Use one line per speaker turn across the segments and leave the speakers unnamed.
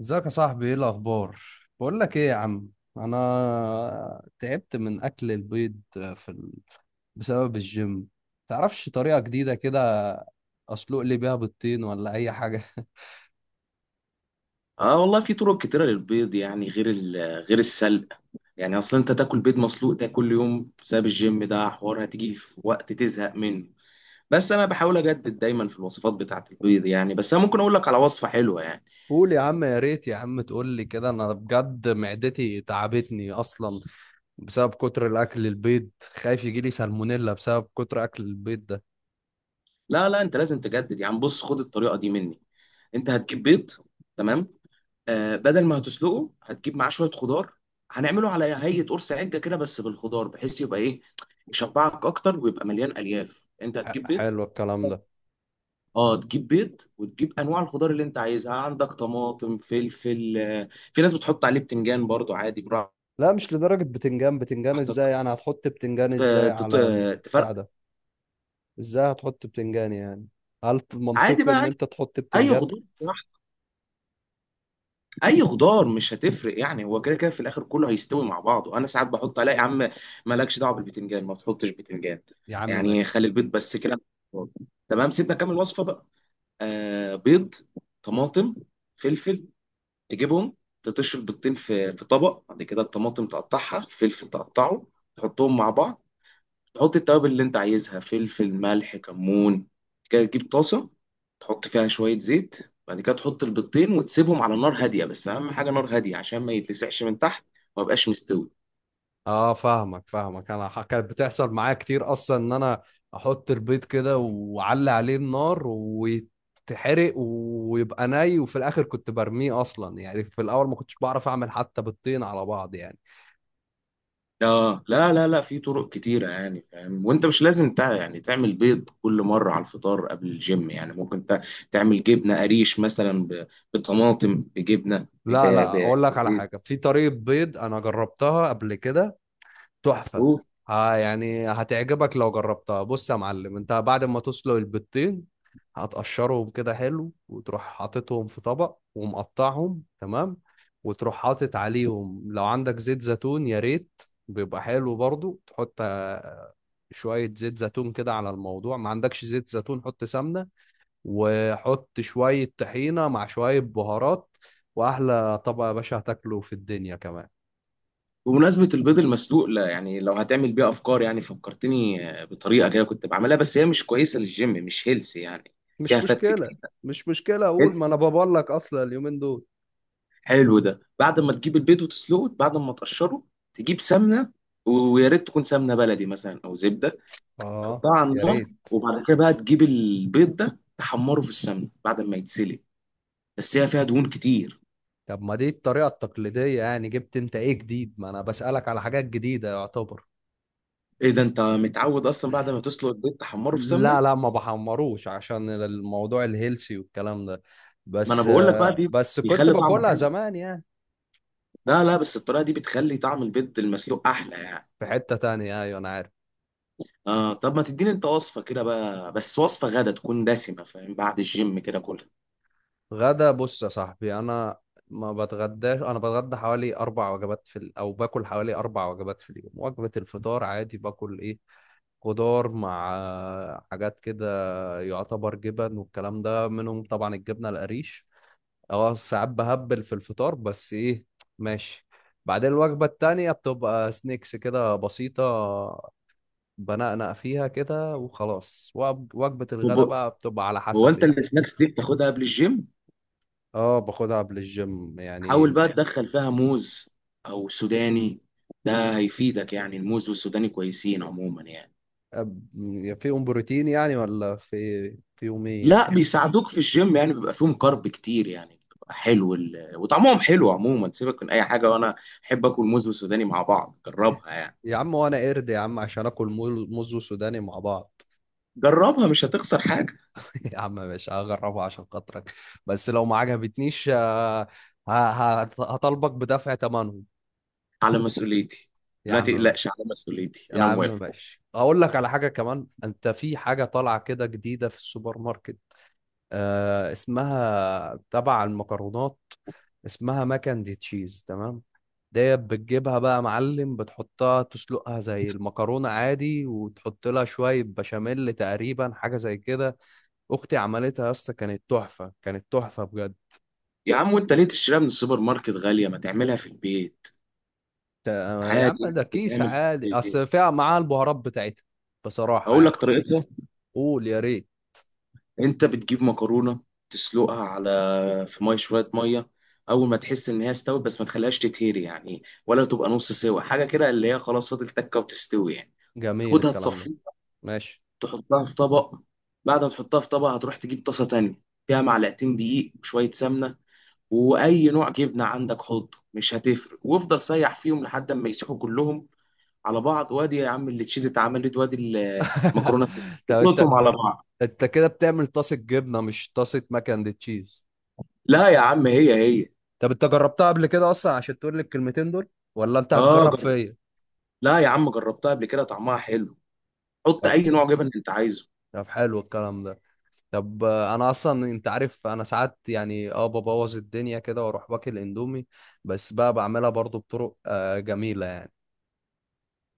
ازيك يا صاحبي؟ ايه الاخبار؟ بقول لك ايه يا عم، انا تعبت من اكل البيض في ال... بسبب الجيم. تعرفش طريقة جديدة كده اسلق لي بيها بيضتين ولا اي حاجة؟
اه، والله في طرق كتيرة للبيض، يعني غير السلق. يعني اصلا انت تاكل بيض مسلوق ده كل يوم بسبب الجيم، ده حوار هتيجي في وقت تزهق منه. بس انا بحاول اجدد دايما في الوصفات بتاعة البيض، يعني بس انا ممكن اقول لك على وصفة حلوة يعني.
قول يا عم، يا ريت يا عم تقول لي كده، انا بجد معدتي تعبتني اصلا بسبب كتر الاكل البيض، خايف يجي لي سالمونيلا بسبب كتر اكل البيض ده.
لا لا، انت لازم تجدد، يعني بص خد الطريقة دي مني. انت هتجيب بيض، تمام. آه، بدل ما هتسلقه هتجيب معاه شوية خضار. هنعمله على هيئة قرص عجة كده بس بالخضار، بحيث يبقى ايه؟ يشبعك اكتر ويبقى مليان الياف. انت هتجيب بيض،
حلو الكلام ده.
اه تجيب بيض، وتجيب انواع الخضار اللي انت عايزها. عندك طماطم، فلفل، في ناس بتحط عليه بتنجان برضو عادي.
لا مش لدرجة بتنجان، بتنجان ازاي؟
براحتك.
يعني هتحط بتنجان
ف-
ازاي
تط-
على
تفرق.
البتاع ده؟ ازاي هتحط بتنجان يعني؟ هل
عادي
منطقي
بقى،
ان
اي
انت تحط
أي
بتنجان؟
خضار براحتك. اي خضار مش هتفرق، يعني هو كده كده في الاخر كله هيستوي مع بعضه. انا ساعات بحط عليه، يا عم مالكش دعوه بالبتنجان، ما تحطش بتنجان،
يا عم
يعني
ماشي.
خلي البيض بس كده. تمام، سيبنا كمل الوصفه بقى. آه، بيض، طماطم، فلفل، تجيبهم. تطش البيضتين في طبق. بعد كده الطماطم تقطعها، الفلفل تقطعه، تحطهم مع بعض. تحط التوابل اللي انت عايزها، فلفل، ملح، كمون. بعد كده تجيب طاسة، تحط فيها شوية زيت. بعد كده تحط البيضتين وتسيبهم على نار هادية، بس أهم حاجة نار هادية عشان ما يتلسعش من تحت وما يبقاش مستوي.
اه فاهمك فاهمك. انا كانت بتحصل معايا كتير اصلا ان انا احط البيض كده واعلي عليه النار ويتحرق ويبقى ني وفي الاخر كنت برميه اصلا، يعني في الاول ما كنتش بعرف اعمل حتى بيضتين على بعض يعني.
اه لا لا لا، في طرق كتيرة يعني، فاهم؟ وانت مش لازم يعني تعمل بيض كل مرة على الفطار قبل الجيم. يعني ممكن تعمل جبنة قريش مثلا، بطماطم، بجبنة،
لا، اقول لك على
بزيت.
حاجه، في طريقه بيض انا جربتها قبل كده، تحفة.
و-
ها، يعني هتعجبك لو جربتها. بص يا معلم، انت بعد ما تسلق البيضتين هتقشرهم كده حلو وتروح حاططهم في طبق ومقطعهم، تمام، وتروح حاطط عليهم لو عندك زيت زيتون يا ريت، بيبقى حلو برضو. تحط شوية زيت زيتون كده على الموضوع. ما عندكش زيت زيتون حط سمنة، وحط شوية طحينة مع شوية بهارات، وأحلى طبق يا باشا هتاكله في الدنيا كمان.
وبمناسبة البيض المسلوق، لا يعني لو هتعمل بيه أفكار، يعني فكرتني بطريقة كده كنت بعملها، بس هي مش كويسة للجيم، مش هيلثي يعني، فيها
مش
فاتس
مشكلة.
كتير.
مش مشكلة، أقول ما أنا بقول لك أصلا اليومين دول.
حلو، ده بعد ما تجيب البيض وتسلقه، بعد ما تقشره تجيب سمنة، ويا ريت تكون سمنة بلدي مثلا أو زبدة.
اه
تحطها على
يا
النار،
ريت.
وبعد كده بقى تجيب البيض ده تحمره في السمنه بعد ما يتسلق. بس هي فيها دهون كتير.
طب ما دي الطريقة التقليدية، يعني جبت أنت إيه جديد؟ ما أنا بسألك على حاجات جديدة يعتبر.
ايه ده، انت متعود اصلا بعد ما تسلق البيض تحمره في
لا
سمنه؟
لا ما بحمروش عشان الموضوع الهيلسي والكلام ده،
ما انا
بس.
بقول لك بقى، دي
بس كنت
بيخلي طعمه
باكلها
حلو.
زمان يعني.
لا لا، بس الطريقه دي بتخلي طعم البيض المسلوق احلى يعني.
في حتة تانية، أيوة أنا عارف.
اه، طب ما تديني انت وصفه كده بقى، بس وصفه غدا تكون دسمه، فاهم، بعد الجيم كده كلها.
غدا؟ بص يا صاحبي أنا ما بتغداش، أنا بتغدى حوالي أربع وجبات أو باكل حوالي أربع وجبات في اليوم. وجبة الفطار عادي باكل إيه، خضار مع حاجات كده، يعتبر جبن والكلام ده منهم، طبعا الجبنة القريش. اه ساعات بهبل في الفطار بس ايه، ماشي. بعدين الوجبة التانية بتبقى سنيكس كده بسيطة، بنقنق فيها كده وخلاص. وجبة الغداء
وب-
بقى بتبقى على
هو
حسب
انت
يعني.
السناكس دي بتاخدها قبل الجيم؟
اه باخدها قبل الجيم يعني.
حاول بقى تدخل فيها موز او سوداني، ده هيفيدك. يعني الموز والسوداني كويسين عموما يعني.
فيهم بروتين يعني ولا في فيهم
لا،
ايه؟
بيساعدوك في الجيم، يعني بيبقى فيهم كارب كتير، يعني بيبقى حلو وطعمهم حلو عموما. سيبك من اي حاجه، وانا احب اكل موز وسوداني مع بعض، جربها يعني.
يا عم وانا قرد يا عم عشان اكل موز وسوداني مع بعض؟
جربها مش هتخسر حاجه،
يا عم ماشي، هجربها عشان خاطرك، بس لو ما عجبتنيش هطالبك بدفع ثمنهم.
على مسؤوليتي.
يا
لا
عم ماشي.
تقلقش، على مسؤوليتي
يا
انا
عم
موافق.
ماشي، اقول لك على حاجه كمان. انت في حاجه طالعه كده جديده في السوبر ماركت، آه، اسمها تبع المكرونات، اسمها ماكن دي تشيز، تمام؟ ديت بتجيبها بقى يا معلم، بتحطها تسلقها زي المكرونة عادي وتحط لها شوية بشاميل تقريبا، حاجة زي كده. أختي عملتها يا اسطى، كانت تحفة، كانت تحفة بجد.
يا عم وانت ليه تشتريها من السوبر ماركت غاليه، ما تعملها في البيت.
يا عم
عادي
ده
يعني،
كيس
بتتعمل في
عادي،
البيت.
اصل فيها معاه البهارات بتاعتها. بصراحة
اقول
يعني.
لك طريقتها.
قول يا ريت.
انت بتجيب مكرونه، تسلقها على في ميه شويه ميه. اول ما تحس ان هي استوت، بس ما تخليهاش تتهري يعني، ولا تبقى نص سوا، حاجه كده اللي هي خلاص فاضل تكه وتستوي يعني.
جميل
خدها
الكلام ده.
تصفيها،
ماشي.
تحطها في طبق. بعد ما تحطها في طبق هتروح تجيب طاسه تانية، فيها معلقتين دقيق وشويه سمنه. واي نوع جبنه عندك حطه، مش هتفرق، وافضل سيح فيهم لحد ما يسيحوا كلهم على بعض. وادي يا عم اللي تشيز اتعملت، وادي المكرونه.
طب انت.
تخلطهم على بعض.
انت كده بتعمل طاسة جبنة مش طاسة ماك اند تشيز.
لا يا عم، هي هي.
طب انت جربتها قبل كده اصلا عشان تقول لي الكلمتين دول، ولا انت
اه،
هتجرب فيا؟
لا يا عم جربتها قبل كده، طعمها حلو. حط
طب.
اي نوع جبن انت عايزه.
طب حلو الكلام ده. طب انا اصلا انت عارف انا ساعات يعني اه ببوظ الدنيا كده واروح باكل اندومي، بس بقى بعملها برضو بطرق جميلة يعني.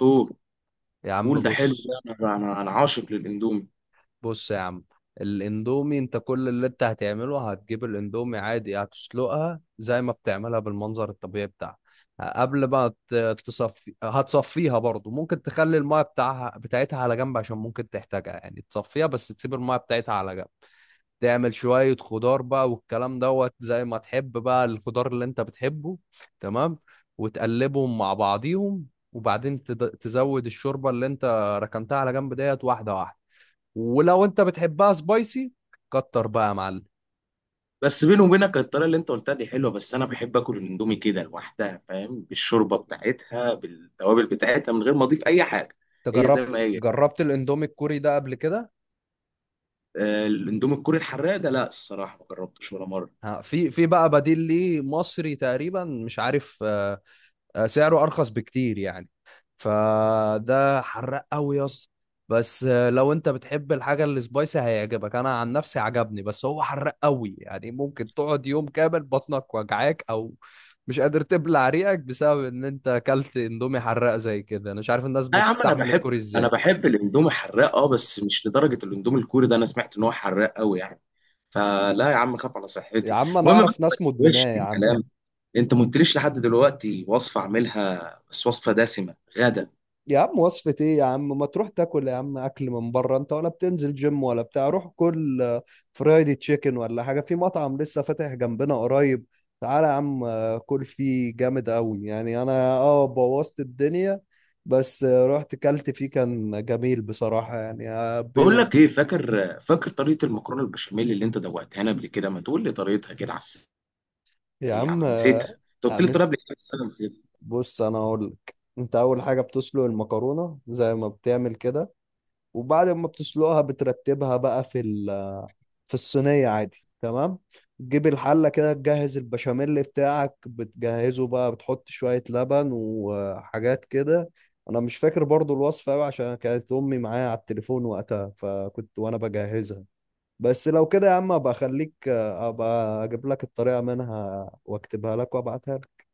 قول،
يا عم
قول، ده حلو
بص.
ده. انا عاشق للاندومي.
بص يا عم، الاندومي انت كل اللي انت هتعمله هتجيب الاندومي عادي، هتسلقها زي ما بتعملها بالمنظر الطبيعي بتاعها. قبل ما تصفي هتصفيها برضو، ممكن تخلي المايه بتاعها بتاعتها على جنب عشان ممكن تحتاجها يعني، تصفيها بس تسيب المايه بتاعتها على جنب. تعمل شوية خضار بقى والكلام دوت، زي ما تحب بقى الخضار اللي انت بتحبه. تمام. وتقلبهم مع بعضيهم، وبعدين تزود الشوربة اللي انت ركنتها على جنب ديت واحدة واحدة، ولو انت بتحبها سبايسي كتر بقى يا معلم.
بس بيني وبينك الطريقه اللي انت قلتها دي حلوه، بس انا بحب اكل الاندومي كده لوحدها، فاهم، بالشوربه بتاعتها بالتوابل بتاعتها، من غير ما اضيف اي حاجه،
انت
هي زي
جربت،
ما هي.
جربت الاندومي الكوري ده قبل كده؟
الاندومي الكوري الحراق ده، لا الصراحه ما جربتوش ولا مره.
ها، في بقى بديل ليه مصري تقريبا، مش عارف آه، آه، سعره ارخص بكتير يعني، فده حراق قوي يا اسطى. بس آه، لو انت بتحب الحاجه السبايسي هيعجبك. انا عن نفسي عجبني، بس هو حراق قوي يعني، ممكن تقعد يوم كامل بطنك وجعاك، او مش قادر تبلع ريقك بسبب ان انت اكلت اندومي حراق زي كده. انا مش عارف الناس
لا يا عم، انا
بتستحمل
بحب
الكوري
انا
ازاي.
بحب الاندومي الحراق اه، بس مش لدرجه الاندومي الكوري ده، انا سمعت ان هو حراق قوي يعني، فلا يا عم، خاف على
يا
صحتي.
عم انا
المهم بس
اعرف
ما
ناس
تتوهش
مدمناه
في
يا عم.
الكلام، انت ما قلتليش لحد دلوقتي وصفه اعملها، بس وصفه دسمه غدا.
يا عم وصفة ايه يا عم، ما تروح تاكل يا عم اكل من بره، انت ولا بتنزل جيم ولا بتاع، روح كل آه، فرايدي تشيكن ولا حاجة، في مطعم لسه فاتح جنبنا قريب، تعالى يا عم آه، كل فيه جامد قوي يعني. انا اه بوظت الدنيا بس آه، رحت كلت فيه كان جميل بصراحة يعني آه،
بقول لك ايه، فاكر طريقه المكرونه البشاميل اللي انت دوقتها لنا قبل كده؟ ما تقول لي طريقتها كده على
يا
السريع،
عم
انا نسيتها.
آه،
انت
آه،
قلت لي الطريقه قبل كده بس انا نسيتها.
بص انا اقول لك، انت اول حاجة بتسلق المكرونة زي ما بتعمل كده، وبعد ما بتسلقها بترتبها بقى في الصينية عادي، تمام، تجيب الحلة كده تجهز البشاميل بتاعك، بتجهزه بقى بتحط شوية لبن وحاجات كده. أنا مش فاكر برضو الوصفة أوي عشان كانت أمي معايا على التليفون وقتها، فكنت وأنا بجهزها. بس لو كده يا عم أبقى أخليك، أبقى أجيب لك الطريقة منها وأكتبها لك وأبعتها لك.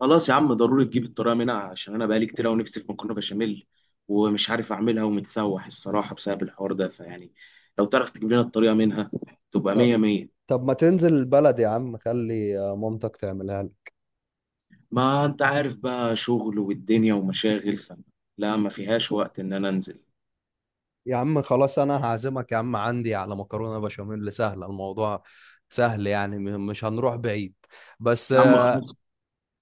خلاص يا عم، ضروري تجيب الطريقه منها، عشان انا بقالي كتير قوي نفسي في مكرونه بشاميل، ومش عارف اعملها ومتسوح الصراحه بسبب الحوار ده، فيعني لو تعرف تجيب لنا الطريقه منها تبقى
طب.
مية مية.
طب ما تنزل البلد يا عم خلي مامتك تعملها.
ما انت عارف بقى، شغل والدنيا ومشاغل لا ما فيهاش وقت ان انا انزل.
يا عم خلاص انا هعزمك يا عم عندي على مكرونه بشاميل سهله، الموضوع سهل يعني، مش هنروح بعيد، بس
يا عم
آه،.
خلاص،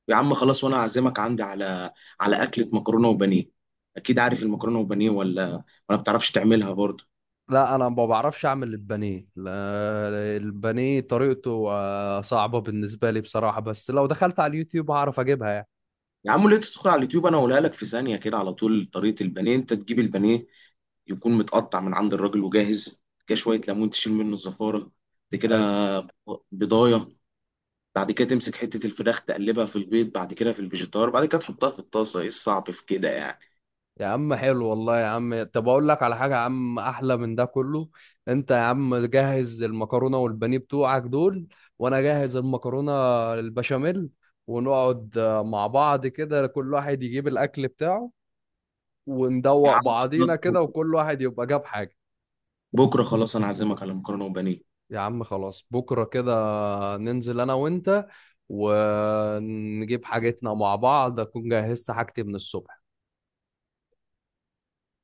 يا عم خلاص، وانا اعزمك عندي على، على اكله مكرونه وبانيه. اكيد عارف المكرونه وبانيه، ولا بتعرفش تعملها برضه؟
لا انا ما بعرفش اعمل البانيه، لا، البانيه طريقته آه، صعبه بالنسبه لي بصراحه، بس لو دخلت على اليوتيوب هعرف اجيبها
يا عم ليه تدخل على اليوتيوب، انا اقولها لك في ثانيه كده على طول. طريقه البانيه، انت تجيب البانيه يكون متقطع من عند الراجل وجاهز كده، شويه ليمون تشيل منه الزفاره، بعد
يعني.
كده بضايه. بعد كده تمسك حته الفراخ تقلبها في البيض، بعد كده في الفيجيتار، بعد كده تحطها في الطاسه. ايه الصعب في كده يعني؟
يا عم حلو والله يا عم، طب اقول لك على حاجه يا عم احلى من ده كله. انت يا عم جهز المكرونه والبانيه بتوعك دول، وانا جاهز المكرونه البشاميل، ونقعد آه، مع بعض كده، كل واحد يجيب الاكل بتاعه
يا
وندوق
عم
بعضينا
خلاص
كده،
بكره،
وكل واحد يبقى جاب حاجه.
بكرة خلاص، انا عازمك على مكرونه وبانيه.
يا عم خلاص بكره كده ننزل انا وانت، ونجيب حاجتنا مع بعض، اكون جهزت حاجتي من الصبح.